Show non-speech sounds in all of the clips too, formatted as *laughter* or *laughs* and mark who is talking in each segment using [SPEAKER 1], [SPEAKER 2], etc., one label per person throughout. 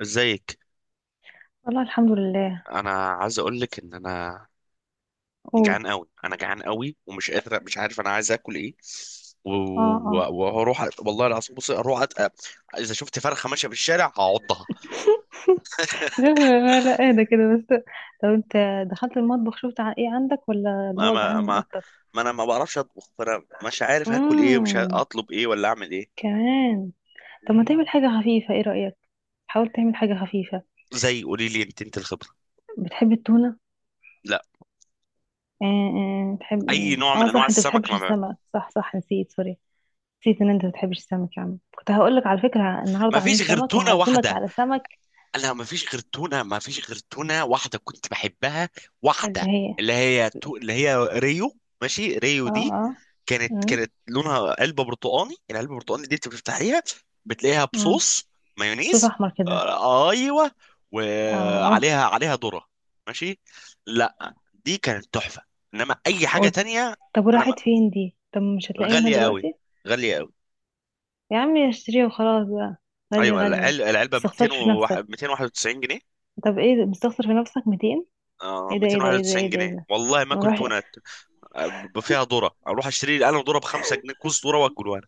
[SPEAKER 1] ازيك؟
[SPEAKER 2] والله الحمد لله.
[SPEAKER 1] انا عايز اقول لك ان
[SPEAKER 2] قول.
[SPEAKER 1] جعان قوي. ومش قادر، مش عارف انا عايز اكل ايه. و-
[SPEAKER 2] اه. اه.
[SPEAKER 1] وهروح والله العظيم. بصي، اروح اذا شفت فرخه ماشيه في الشارع هعضها.
[SPEAKER 2] *laughs* لا لا لا، اهدى كده بس. طب انت دخلت المطبخ شفت ايه عندك ولا اللي
[SPEAKER 1] ما
[SPEAKER 2] هو جعان
[SPEAKER 1] ما
[SPEAKER 2] من
[SPEAKER 1] ما,
[SPEAKER 2] اكتر؟
[SPEAKER 1] ما انا ما بعرفش اطبخ، فانا مش عارف هاكل ايه، مش عارف
[SPEAKER 2] امم.
[SPEAKER 1] اطلب ايه ولا اعمل ايه.
[SPEAKER 2] كمان. طب ما تعمل حاجة خفيفة، ايه رأيك؟ حاول تعمل حاجة خفيفة.
[SPEAKER 1] زي، قولي لي، انت الخبره.
[SPEAKER 2] بتحب التونة؟
[SPEAKER 1] لا،
[SPEAKER 2] آه آه بتحب.
[SPEAKER 1] اي نوع
[SPEAKER 2] اه
[SPEAKER 1] من انواع
[SPEAKER 2] صح، انت
[SPEAKER 1] السمك
[SPEAKER 2] بتحبش
[SPEAKER 1] ما بعمل.
[SPEAKER 2] السمك، صح صح، نسيت، سوري. نسيت ان انت بتحبش السمك يا عم، كنت هقولك على فكرة
[SPEAKER 1] ما
[SPEAKER 2] النهاردة عاملين
[SPEAKER 1] فيش غير
[SPEAKER 2] سمك
[SPEAKER 1] تونه
[SPEAKER 2] وهعزمك
[SPEAKER 1] واحده.
[SPEAKER 2] على سمك.
[SPEAKER 1] انا ما فيش غير تونه، ما فيش غير تونه واحده كنت بحبها.
[SPEAKER 2] اللي
[SPEAKER 1] واحده
[SPEAKER 2] هي؟
[SPEAKER 1] اللي هي اللي هي ريو. ماشي، ريو
[SPEAKER 2] اه
[SPEAKER 1] دي
[SPEAKER 2] اه.
[SPEAKER 1] كانت
[SPEAKER 2] مم.
[SPEAKER 1] كانت لونها علبه برتقاني. العلبه البرتقاني دي انت بتفتحيها بتلاقيها
[SPEAKER 2] مم.
[SPEAKER 1] بصوص،
[SPEAKER 2] صوص
[SPEAKER 1] مايونيز.
[SPEAKER 2] احمر كده؟
[SPEAKER 1] آه ايوه.
[SPEAKER 2] اه.
[SPEAKER 1] وعليها ذره. ماشي. لا دي كانت تحفه، انما اي حاجه تانية.
[SPEAKER 2] طب
[SPEAKER 1] انا ما...
[SPEAKER 2] وراحت فين دي؟ طب مش هتلاقيه منها
[SPEAKER 1] غاليه قوي،
[SPEAKER 2] دلوقتي؟
[SPEAKER 1] غاليه قوي.
[SPEAKER 2] يا عمي اشتريها وخلاص بقى. غالية
[SPEAKER 1] ايوه
[SPEAKER 2] غالية، ما
[SPEAKER 1] العلبه ب
[SPEAKER 2] تستخسرش في نفسك.
[SPEAKER 1] 291 جنيه.
[SPEAKER 2] طب ايه ده؟ مستخسر في نفسك 200؟
[SPEAKER 1] اه
[SPEAKER 2] ايه ده ايه ده
[SPEAKER 1] 291
[SPEAKER 2] ايه ده ايه ده ايه
[SPEAKER 1] جنيه
[SPEAKER 2] ده!
[SPEAKER 1] والله ما اكل
[SPEAKER 2] اروح،
[SPEAKER 1] تونه. فيها ذره، اروح اشتري لي انا ذره ب 5 جنيه، كوز ذره واكله.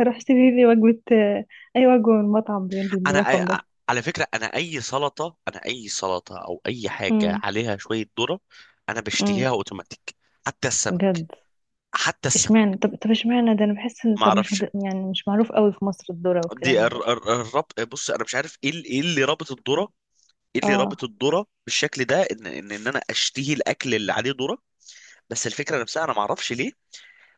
[SPEAKER 2] اروح اشتري لي وجبة اي وجبة من مطعم
[SPEAKER 1] انا
[SPEAKER 2] بالرقم
[SPEAKER 1] انا
[SPEAKER 2] ده؟
[SPEAKER 1] أ- على فكره، انا اي سلطه، انا اي سلطه او اي حاجه
[SPEAKER 2] امم.
[SPEAKER 1] عليها شويه ذره انا بشتهيها
[SPEAKER 2] امم.
[SPEAKER 1] اوتوماتيك. حتى السمك،
[SPEAKER 2] بجد؟
[SPEAKER 1] حتى السمك.
[SPEAKER 2] اشمعنى؟ طب اشمعنى ده؟ انا بحس ان،
[SPEAKER 1] ما
[SPEAKER 2] طب مش
[SPEAKER 1] اعرفش.
[SPEAKER 2] يعني مش معروف قوي في مصر الذرة والكلام
[SPEAKER 1] دي
[SPEAKER 2] من ده.
[SPEAKER 1] الربط. بص، انا مش عارف ايه إيه اللي رابط الذره، ايه اللي
[SPEAKER 2] اه.
[SPEAKER 1] رابط الذره بالشكل ده. ان انا اشتهي الاكل اللي عليه ذره. بس الفكره نفسها انا ما اعرفش ليه.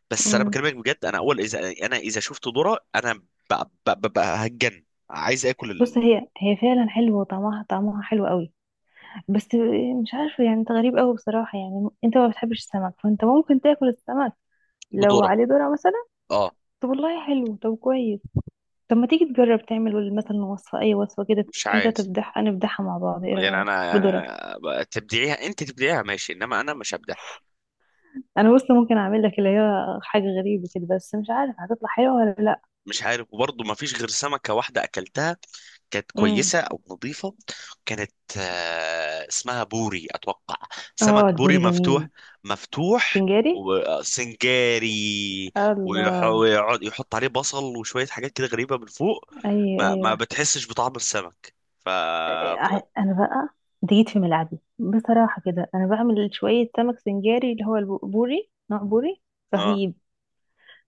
[SPEAKER 1] بس انا
[SPEAKER 2] امم.
[SPEAKER 1] بكلمك بجد. انا اول اذا، انا اذا شفت ذره انا هتجن، عايز
[SPEAKER 2] بص،
[SPEAKER 1] اكل.
[SPEAKER 2] هي فعلا حلوة وطعمها، طعمها حلو قوي. بس مش عارفة يعني، انت غريب قوي بصراحة. يعني انت ما بتحبش السمك، فانت ممكن تاكل السمك لو
[SPEAKER 1] بدورك.
[SPEAKER 2] عليه ذرة مثلا؟
[SPEAKER 1] اه.
[SPEAKER 2] طب والله حلو، طب كويس. طب ما تيجي تجرب تعمل مثلا وصفة، اي وصفة كده،
[SPEAKER 1] مش
[SPEAKER 2] انت
[SPEAKER 1] عايز.
[SPEAKER 2] تبدح انا ابدحها مع بعض، ايه
[SPEAKER 1] يعني
[SPEAKER 2] رأيك
[SPEAKER 1] انا، يعني
[SPEAKER 2] بذرة؟
[SPEAKER 1] تبدعيها، انت تبدعيها ماشي، انما انا مش هبدعها.
[SPEAKER 2] انا بص، ممكن اعمل لك اللي هي حاجة غريبة كده، بس مش عارف هتطلع حلوة ولا لا.
[SPEAKER 1] مش عارف. وبرضه ما فيش غير سمكة واحدة اكلتها كانت
[SPEAKER 2] امم.
[SPEAKER 1] كويسة او نظيفة. كانت، آه، اسمها بوري اتوقع.
[SPEAKER 2] اه،
[SPEAKER 1] سمك بوري
[SPEAKER 2] البوري جميل.
[SPEAKER 1] مفتوح، مفتوح.
[SPEAKER 2] سنجاري.
[SPEAKER 1] وسنجاري.
[SPEAKER 2] الله.
[SPEAKER 1] ويقعد يحط عليه بصل وشوية حاجات كده غريبة من فوق.
[SPEAKER 2] ايوه
[SPEAKER 1] ما
[SPEAKER 2] ايوه.
[SPEAKER 1] بتحسش بطعم السمك، ف اه.
[SPEAKER 2] انا بقى، انت جيت في ملعبي بصراحه كده، انا بعمل شويه سمك سنجاري، اللي هو البوري، نوع بوري رهيب.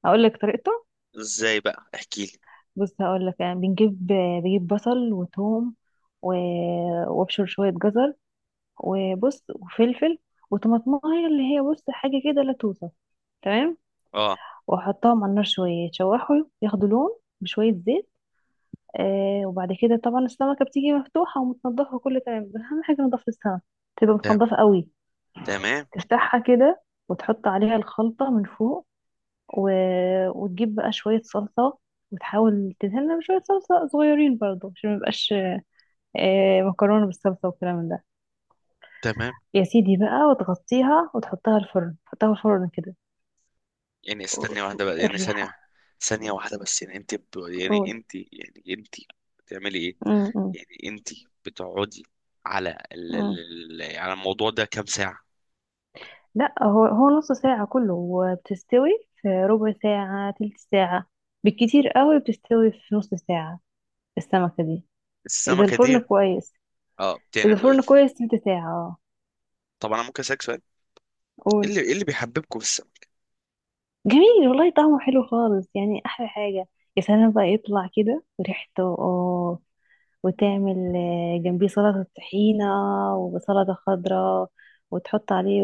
[SPEAKER 2] اقول لك طريقته.
[SPEAKER 1] ازاي بقى؟ احكي لي.
[SPEAKER 2] بص هقول لك، يعني بنجيب. بجيب بصل وثوم و... وابشر شويه جزر، وبص وفلفل، وطماطمايه اللي هي، بص حاجه كده لا توصف. تمام.
[SPEAKER 1] اه
[SPEAKER 2] واحطهم على النار شويه يتشوحوا، ياخدوا لون، بشويه زيت. آه، وبعد كده طبعا السمكه بتيجي مفتوحه ومتنضفه كله تمام، بس اهم حاجه نضافه السمك، تبقى
[SPEAKER 1] تمام،
[SPEAKER 2] متنضفه قوي.
[SPEAKER 1] تمام،
[SPEAKER 2] تفتحها كده، وتحط عليها الخلطة من فوق، و... وتجيب بقى شوية صلصة، وتحاول تدهنها بشوية صلصة صغيرين برضو عشان ميبقاش مكرونة بالصلصة والكلام من ده.
[SPEAKER 1] تمام.
[SPEAKER 2] يا سيدي بقى، وتغطيها وتحطها الفرن، تحطها الفرن كده
[SPEAKER 1] يعني
[SPEAKER 2] و-
[SPEAKER 1] استني واحدة بقى، يعني ثانية،
[SPEAKER 2] الريحة.
[SPEAKER 1] ثانية واحدة بس. يعني يعني
[SPEAKER 2] قول.
[SPEAKER 1] انت، يعني انت بتعملي ايه؟
[SPEAKER 2] م- م-
[SPEAKER 1] يعني انت بتقعدي على
[SPEAKER 2] م.
[SPEAKER 1] على الموضوع ده كام ساعة؟
[SPEAKER 2] لا، هو هو نص ساعة كله وبتستوي. في ربع ساعة، تلت ساعة بالكتير قوي بتستوي، في نص ساعة السمكة دي. إذا
[SPEAKER 1] السمكة
[SPEAKER 2] الفرن
[SPEAKER 1] دي.
[SPEAKER 2] كويس،
[SPEAKER 1] اه
[SPEAKER 2] إذا
[SPEAKER 1] يعني.
[SPEAKER 2] الفرن كويس تلت ساعة.
[SPEAKER 1] طب انا ممكن اسالك سؤال؟ ايه
[SPEAKER 2] قول.
[SPEAKER 1] اللي، ايه اللي بيحببكم في السمك؟
[SPEAKER 2] جميل والله، طعمه حلو خالص، يعني احلى حاجه. يا سلام بقى يطلع كده ريحته، اه. وتعمل جنبيه سلطه طحينه، وسلطه خضراء، وتحط عليه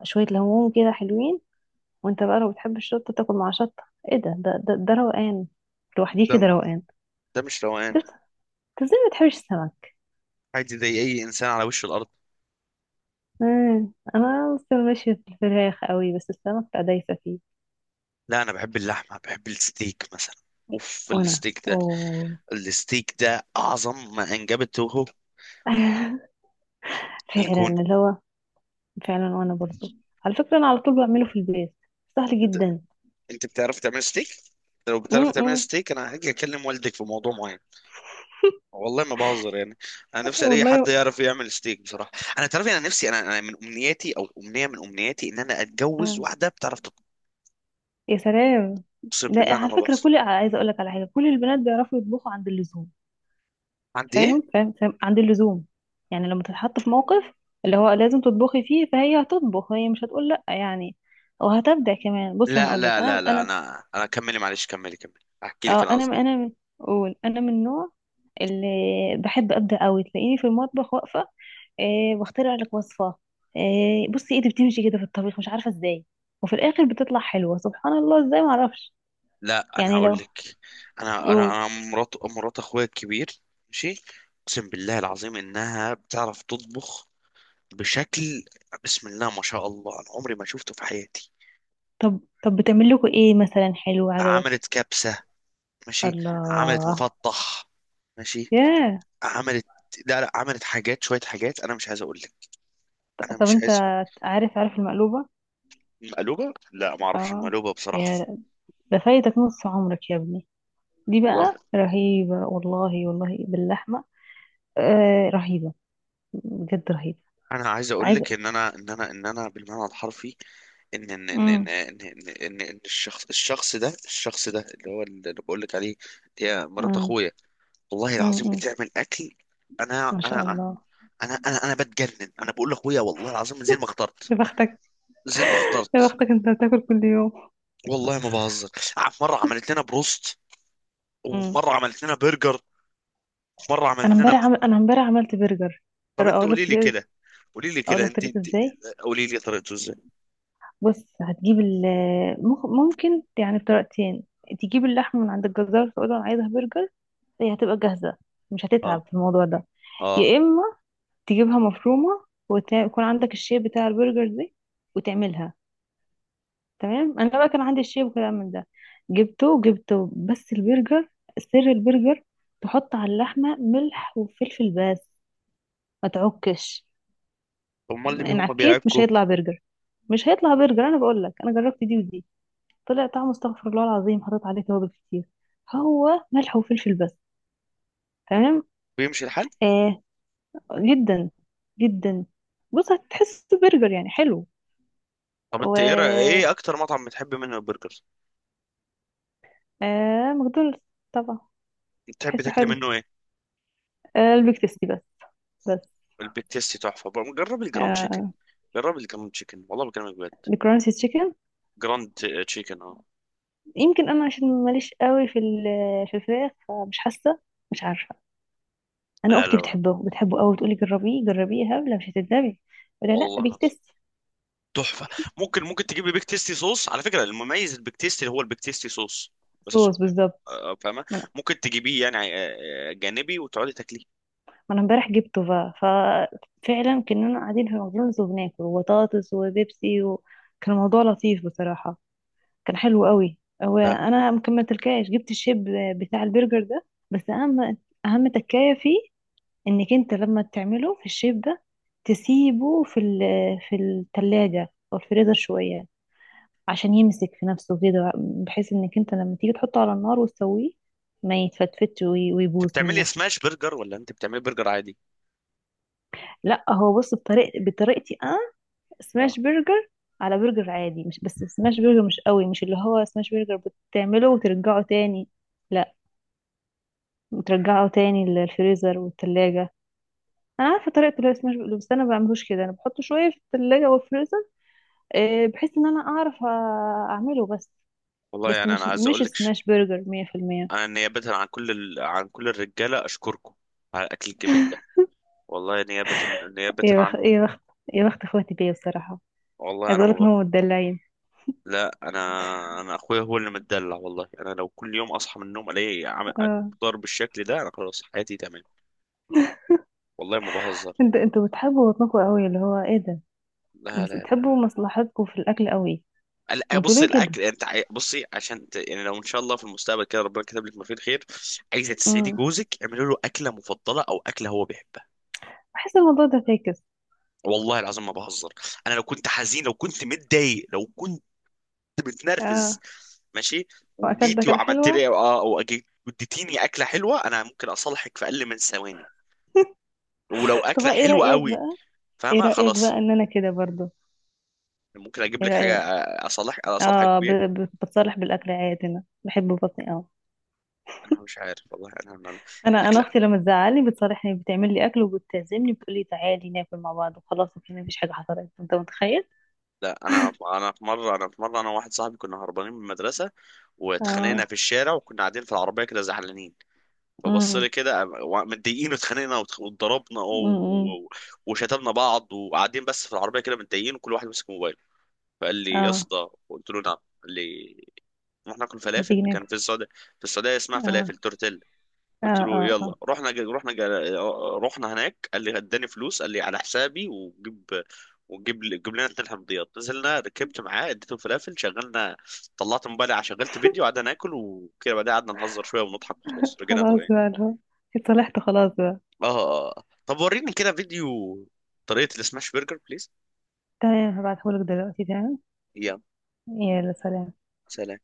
[SPEAKER 2] وشويه ليمون كده حلوين. وانت بقى لو بتحب الشطه تاكل مع شطه. ايه ده، ده ده روقان. لوحديه
[SPEAKER 1] ده،
[SPEAKER 2] كده روقان.
[SPEAKER 1] ده مش روقان.
[SPEAKER 2] انت، إنت ازاي ما بتحبش السمك؟
[SPEAKER 1] عادي زي اي انسان على وش الارض.
[SPEAKER 2] انا لسه ماشيه في الفراخ قوي، بس السمك بقى دايسه فيه.
[SPEAKER 1] لا انا بحب اللحمة، بحب الستيك مثلا. اوف،
[SPEAKER 2] وانا
[SPEAKER 1] الستيك ده،
[SPEAKER 2] اوه.
[SPEAKER 1] الستيك ده اعظم ما انجبته
[SPEAKER 2] *laughs* فعلا
[SPEAKER 1] الكون.
[SPEAKER 2] اللي هو. فعلا، وانا برضو على فكرة انا على طول بعمله في البيت، سهل جدا.
[SPEAKER 1] انت بتعرف تعمل ستيك؟ لو بتعرف تعمل
[SPEAKER 2] امم.
[SPEAKER 1] ستيك انا هاجي اكلم والدك في موضوع معين. والله ما بهزر يعني. انا نفسي الاقي حد
[SPEAKER 2] والله.
[SPEAKER 1] يعرف يعمل ستيك بصراحه. انا تعرف، انا نفسي، انا من امنياتي، او امنيه من امنياتي، ان انا اتجوز
[SPEAKER 2] أمم.
[SPEAKER 1] واحده بتعرف تطبخ.
[SPEAKER 2] يا سلام.
[SPEAKER 1] اقسم
[SPEAKER 2] ده
[SPEAKER 1] بالله انا
[SPEAKER 2] على
[SPEAKER 1] ما
[SPEAKER 2] فكرة،
[SPEAKER 1] بهزر.
[SPEAKER 2] كل، عايزة اقول لك على حاجة، كل البنات بيعرفوا يطبخوا عند اللزوم.
[SPEAKER 1] عندي ايه؟
[SPEAKER 2] فاهم فاهم فاهم، عند اللزوم. يعني لما تتحط في موقف اللي هو لازم تطبخي فيه، فهي هتطبخ، هي مش هتقول لا، يعني، وهتبدع كمان. بص انا
[SPEAKER 1] لا
[SPEAKER 2] اقول لك،
[SPEAKER 1] لا لا
[SPEAKER 2] انا
[SPEAKER 1] لا
[SPEAKER 2] انا
[SPEAKER 1] انا كملي، معلش كملي، كملي احكي لك
[SPEAKER 2] اه
[SPEAKER 1] انا
[SPEAKER 2] انا
[SPEAKER 1] قصدي.
[SPEAKER 2] انا اقول، انا من النوع اللي بحب ابدع قوي، تلاقيني في المطبخ واقفة، آه واخترع لك وصفة. آه، بصي ايدي بتمشي كده في الطبيخ مش عارفة ازاي، وفي الاخر بتطلع حلوة سبحان الله ازاي معرفش.
[SPEAKER 1] لا انا
[SPEAKER 2] يعني
[SPEAKER 1] هقول
[SPEAKER 2] لو،
[SPEAKER 1] لك. انا انا
[SPEAKER 2] قول.
[SPEAKER 1] انا مرات، مرات اخويا الكبير. ماشي. اقسم بالله العظيم انها بتعرف تطبخ بشكل. بسم الله ما شاء الله، انا عمري ما شفته في حياتي.
[SPEAKER 2] طب طب بتعمل لكم ايه مثلا حلو عجبك؟
[SPEAKER 1] عملت كبسة، ماشي. عملت
[SPEAKER 2] الله.
[SPEAKER 1] مفطح، ماشي.
[SPEAKER 2] ياه.
[SPEAKER 1] عملت، لا لا، عملت حاجات، شوية حاجات انا مش عايز اقول لك. انا
[SPEAKER 2] طب
[SPEAKER 1] مش
[SPEAKER 2] انت
[SPEAKER 1] عايز.
[SPEAKER 2] عارف، عارف المقلوبة؟
[SPEAKER 1] مقلوبة، لا ما اعرفش
[SPEAKER 2] اه.
[SPEAKER 1] المقلوبة بصراحة.
[SPEAKER 2] يا، ده فايتك نص عمرك يا ابني. دي بقى
[SPEAKER 1] والله.
[SPEAKER 2] رهيبة، والله والله، باللحمة. آه رهيبة، بجد رهيبة.
[SPEAKER 1] انا عايز اقول
[SPEAKER 2] عايزة.
[SPEAKER 1] لك ان انا، ان انا، ان انا بالمعنى الحرفي، ان ان ان ان
[SPEAKER 2] امم.
[SPEAKER 1] ان, إن, إن, إن الشخص، الشخص ده، الشخص ده اللي هو اللي بقول لك عليه. يا مرات
[SPEAKER 2] امم.
[SPEAKER 1] اخويا والله العظيم
[SPEAKER 2] امم.
[SPEAKER 1] بتعمل اكل. انا
[SPEAKER 2] ما
[SPEAKER 1] انا
[SPEAKER 2] شاء الله.
[SPEAKER 1] انا بتجنن. انا بقول لاخويا والله العظيم من زين ما اخترت،
[SPEAKER 2] يا بختك،
[SPEAKER 1] زين ما
[SPEAKER 2] يا
[SPEAKER 1] اخترت.
[SPEAKER 2] بختك انت بتاكل كل يوم.
[SPEAKER 1] والله ما بهزر. في مره عملت لنا بروست، وفي
[SPEAKER 2] امم.
[SPEAKER 1] مره عملت لنا برجر، وفي مره
[SPEAKER 2] انا
[SPEAKER 1] عملت لنا.
[SPEAKER 2] امبارح انا امبارح عملت برجر.
[SPEAKER 1] طب انت
[SPEAKER 2] اقول
[SPEAKER 1] قولي
[SPEAKER 2] لك
[SPEAKER 1] لي
[SPEAKER 2] طريقه.
[SPEAKER 1] كده، قولي لي
[SPEAKER 2] اقول
[SPEAKER 1] كده،
[SPEAKER 2] لك
[SPEAKER 1] انت
[SPEAKER 2] طريقه
[SPEAKER 1] انت
[SPEAKER 2] ازاي.
[SPEAKER 1] قولي لي طريقته ازاي؟
[SPEAKER 2] بص هتجيب ممكن يعني بطريقتين. تجيب اللحمه من عند الجزار، تقول له انا عايزها برجر، هي هتبقى جاهزه، مش
[SPEAKER 1] اه
[SPEAKER 2] هتتعب في الموضوع ده.
[SPEAKER 1] اه.
[SPEAKER 2] يا اما تجيبها مفرومه، ويكون عندك الشيب بتاع البرجر دي وتعملها. تمام. انا بقى كان عندي الشيب وكلام من ده، جبته جبته. بس البرجر، سر البرجر، تحط على اللحمه ملح وفلفل بس، ما تعكش.
[SPEAKER 1] امال
[SPEAKER 2] ان
[SPEAKER 1] هم
[SPEAKER 2] عكيت مش
[SPEAKER 1] بيعكوا.
[SPEAKER 2] هيطلع برجر، مش هيطلع برجر. انا بقول لك انا جربت دي ودي، طلع طعمه استغفر الله العظيم، حطيت عليه توابل كتير. هو ملح وفلفل بس. تمام.
[SPEAKER 1] بيمشي الحال؟
[SPEAKER 2] آه، جدا جدا. بص هتحس برجر يعني حلو.
[SPEAKER 1] طب انت ايه
[SPEAKER 2] و
[SPEAKER 1] ايه اكتر مطعم بتحب منه البرجر؟
[SPEAKER 2] آه ماكدونالدز طبعا.
[SPEAKER 1] بتحب
[SPEAKER 2] بحسه
[SPEAKER 1] تاكلي
[SPEAKER 2] حلو.
[SPEAKER 1] منه ايه؟
[SPEAKER 2] آه، البيك تيستي بس. بس.
[SPEAKER 1] البيك تيستي تحفه بقى، جرب الجراند تشيكن.
[SPEAKER 2] آه،
[SPEAKER 1] جرب الجراند تشيكن والله بكلمك بجد.
[SPEAKER 2] الكرانسي تشيكن.
[SPEAKER 1] جراند تشيكن اه.
[SPEAKER 2] يمكن انا عشان ماليش قوي في في الفراخ، فمش حاسه، مش عارفه. انا
[SPEAKER 1] لا لا
[SPEAKER 2] اختي
[SPEAKER 1] لا،
[SPEAKER 2] بتحبه، بتحبه قوي، تقولي جربيه جربيه يا هبله مش هتندمي، ولا لا
[SPEAKER 1] والله
[SPEAKER 2] بيكتستي.
[SPEAKER 1] تحفه. ممكن، ممكن تجيب لي بيك تيستي صوص؟ على فكره، المميز البيك تيستي هو البيك تيستي صوص. بس عشان
[SPEAKER 2] صوص
[SPEAKER 1] فاهم،
[SPEAKER 2] بالظبط.
[SPEAKER 1] آه، فاهمه.
[SPEAKER 2] ما انا
[SPEAKER 1] ممكن تجيبيه يعني آه، آه، جانبي وتقعدي تاكليه.
[SPEAKER 2] ما أنا امبارح جبته بقى، ففعلا كنا قاعدين في ماكدونالدز وبناكل وبطاطس وبيبسي، وكان الموضوع لطيف بصراحه، كان حلو قوي.
[SPEAKER 1] لا
[SPEAKER 2] وانا مكملتلكاش، جبت الشيب بتاع البرجر ده. بس اهم، اهم تكايه فيه، انك انت لما تعمله في الشيب ده، تسيبه في في الثلاجه او الفريزر شويه، عشان يمسك في نفسه كده، بحيث انك انت لما تيجي تحطه على النار وتسويه ما يتفتفتش
[SPEAKER 1] انت
[SPEAKER 2] ويبوظ
[SPEAKER 1] بتعملي
[SPEAKER 2] منك.
[SPEAKER 1] سماش برجر ولا انت بتعملي برجر عادي؟
[SPEAKER 2] لا هو بص، بطريقتي انا
[SPEAKER 1] اه.
[SPEAKER 2] سماش برجر، على برجر عادي. مش بس سماش برجر، مش قوي مش اللي هو سماش برجر بتعمله وترجعه تاني. لا، بترجعه تاني للفريزر والتلاجة. انا عارفه طريقه اللي هو سماش برجر، بس انا ما بعملوش كده، انا بحطه شويه في التلاجة والفريزر، بحيث ان انا اعرف اعمله بس.
[SPEAKER 1] والله
[SPEAKER 2] بس
[SPEAKER 1] يعني انا
[SPEAKER 2] مش،
[SPEAKER 1] عايز
[SPEAKER 2] مش
[SPEAKER 1] اقول لك،
[SPEAKER 2] سماش برجر 100%.
[SPEAKER 1] انا نيابه عن كل عن كل الرجاله اشكركم على الاكل الجميل ده. والله نيابه، نيابه
[SPEAKER 2] إيه يا
[SPEAKER 1] عنهم.
[SPEAKER 2] يا بخت، يا بخت اخواتي بيا بصراحة.
[SPEAKER 1] والله
[SPEAKER 2] عايز
[SPEAKER 1] انا ما
[SPEAKER 2] اقولك ان
[SPEAKER 1] بقى.
[SPEAKER 2] هم متدلعين.
[SPEAKER 1] لا انا، انا اخويا هو اللي متدلع. والله انا لو كل يوم اصحى من النوم الاقي
[SPEAKER 2] اه.
[SPEAKER 1] ضرب بالشكل ده انا خلاص حياتي تمام. والله ما بهزر.
[SPEAKER 2] انت، انتوا بتحبوا بطنكم قوي اللي هو ايه ده.
[SPEAKER 1] لا لا لا.
[SPEAKER 2] بتحبوا مصلحتكم في الاكل قوي.
[SPEAKER 1] آه،
[SPEAKER 2] انتوا
[SPEAKER 1] بص
[SPEAKER 2] ليه كده؟
[SPEAKER 1] الاكل، يعني انت بصي عشان يعني لو ان شاء الله في المستقبل كده ربنا كتب لك ما فيه الخير، عايزه تسعدي
[SPEAKER 2] امم.
[SPEAKER 1] جوزك، اعملي له اكله مفضله او اكله هو بيحبها.
[SPEAKER 2] بحس الموضوع ده فاكس.
[SPEAKER 1] والله العظيم ما بهزر. انا لو كنت حزين، لو كنت متضايق، لو كنت متنرفز،
[SPEAKER 2] اه.
[SPEAKER 1] ماشي،
[SPEAKER 2] واكلت
[SPEAKER 1] وجيتي
[SPEAKER 2] اكلة
[SPEAKER 1] وعملت
[SPEAKER 2] حلوة.
[SPEAKER 1] لي اه او اديتيني اكله حلوه، انا ممكن اصالحك في اقل من ثواني. ولو
[SPEAKER 2] طب
[SPEAKER 1] اكله
[SPEAKER 2] ايه
[SPEAKER 1] حلوه
[SPEAKER 2] رأيك
[SPEAKER 1] قوي،
[SPEAKER 2] بقى. ايه
[SPEAKER 1] فاهمه؟
[SPEAKER 2] رأيك
[SPEAKER 1] خلاص،
[SPEAKER 2] بقى ان انا كده برضو.
[SPEAKER 1] ممكن اجيب
[SPEAKER 2] ايه
[SPEAKER 1] لك حاجه
[SPEAKER 2] رأيك.
[SPEAKER 1] اصالح، اصالحك
[SPEAKER 2] اه،
[SPEAKER 1] بيها.
[SPEAKER 2] بتصالح بالاكل عادي، انا بحب بطني قوي.
[SPEAKER 1] انا مش عارف والله انا
[SPEAKER 2] انا
[SPEAKER 1] الاكل.
[SPEAKER 2] انا اختي لما تزعلني، بتصالحني، بتعمل لي اكل وبتعزمني، بتقول لي تعالي ناكل مع بعض وخلاص، وكده مفيش حاجة حصلت، انت متخيل.
[SPEAKER 1] لا انا، انا في مره انا وواحد صاحبي كنا هربانين من المدرسه واتخانقنا
[SPEAKER 2] اه.
[SPEAKER 1] في الشارع، وكنا قاعدين في العربيه كده زعلانين. فبص
[SPEAKER 2] امم.
[SPEAKER 1] لي كده متضايقين، واتخانقنا واتضربنا
[SPEAKER 2] امم.
[SPEAKER 1] وشتمنا بعض، وقاعدين بس في العربيه كده متضايقين، وكل واحد ماسك موبايله. فقال لي يا
[SPEAKER 2] اه.
[SPEAKER 1] اسطى، قلت له نعم. قال لي رحنا ناكل فلافل،
[SPEAKER 2] هتيجي
[SPEAKER 1] كان
[SPEAKER 2] ناكل.
[SPEAKER 1] في السعوديه، في السعوديه اسمها
[SPEAKER 2] اه
[SPEAKER 1] فلافل تورتيلا.
[SPEAKER 2] اه
[SPEAKER 1] قلت له
[SPEAKER 2] اه اه.
[SPEAKER 1] يلا. رحنا هناك. قال لي، اداني فلوس، قال لي على حسابي وجيب، جيب لنا اتنين حمضيات. نزلنا، ركبت معاه، اديته فلافل، شغلنا، طلعت موبايلي شغلت فيديو، قعدنا ناكل وكده. بعدها قعدنا نهزر شويه ونضحك وخلاص، رجعنا
[SPEAKER 2] خلاص
[SPEAKER 1] طبيعي.
[SPEAKER 2] بقى اللي هو، اتصلحت خلاص بقى.
[SPEAKER 1] اه. آه. طب وريني كده فيديو طريقه السماش برجر بليز.
[SPEAKER 2] تمام هبعتهولك دلوقتي، تمام.
[SPEAKER 1] يلا
[SPEAKER 2] يلا سلام.
[SPEAKER 1] سلام.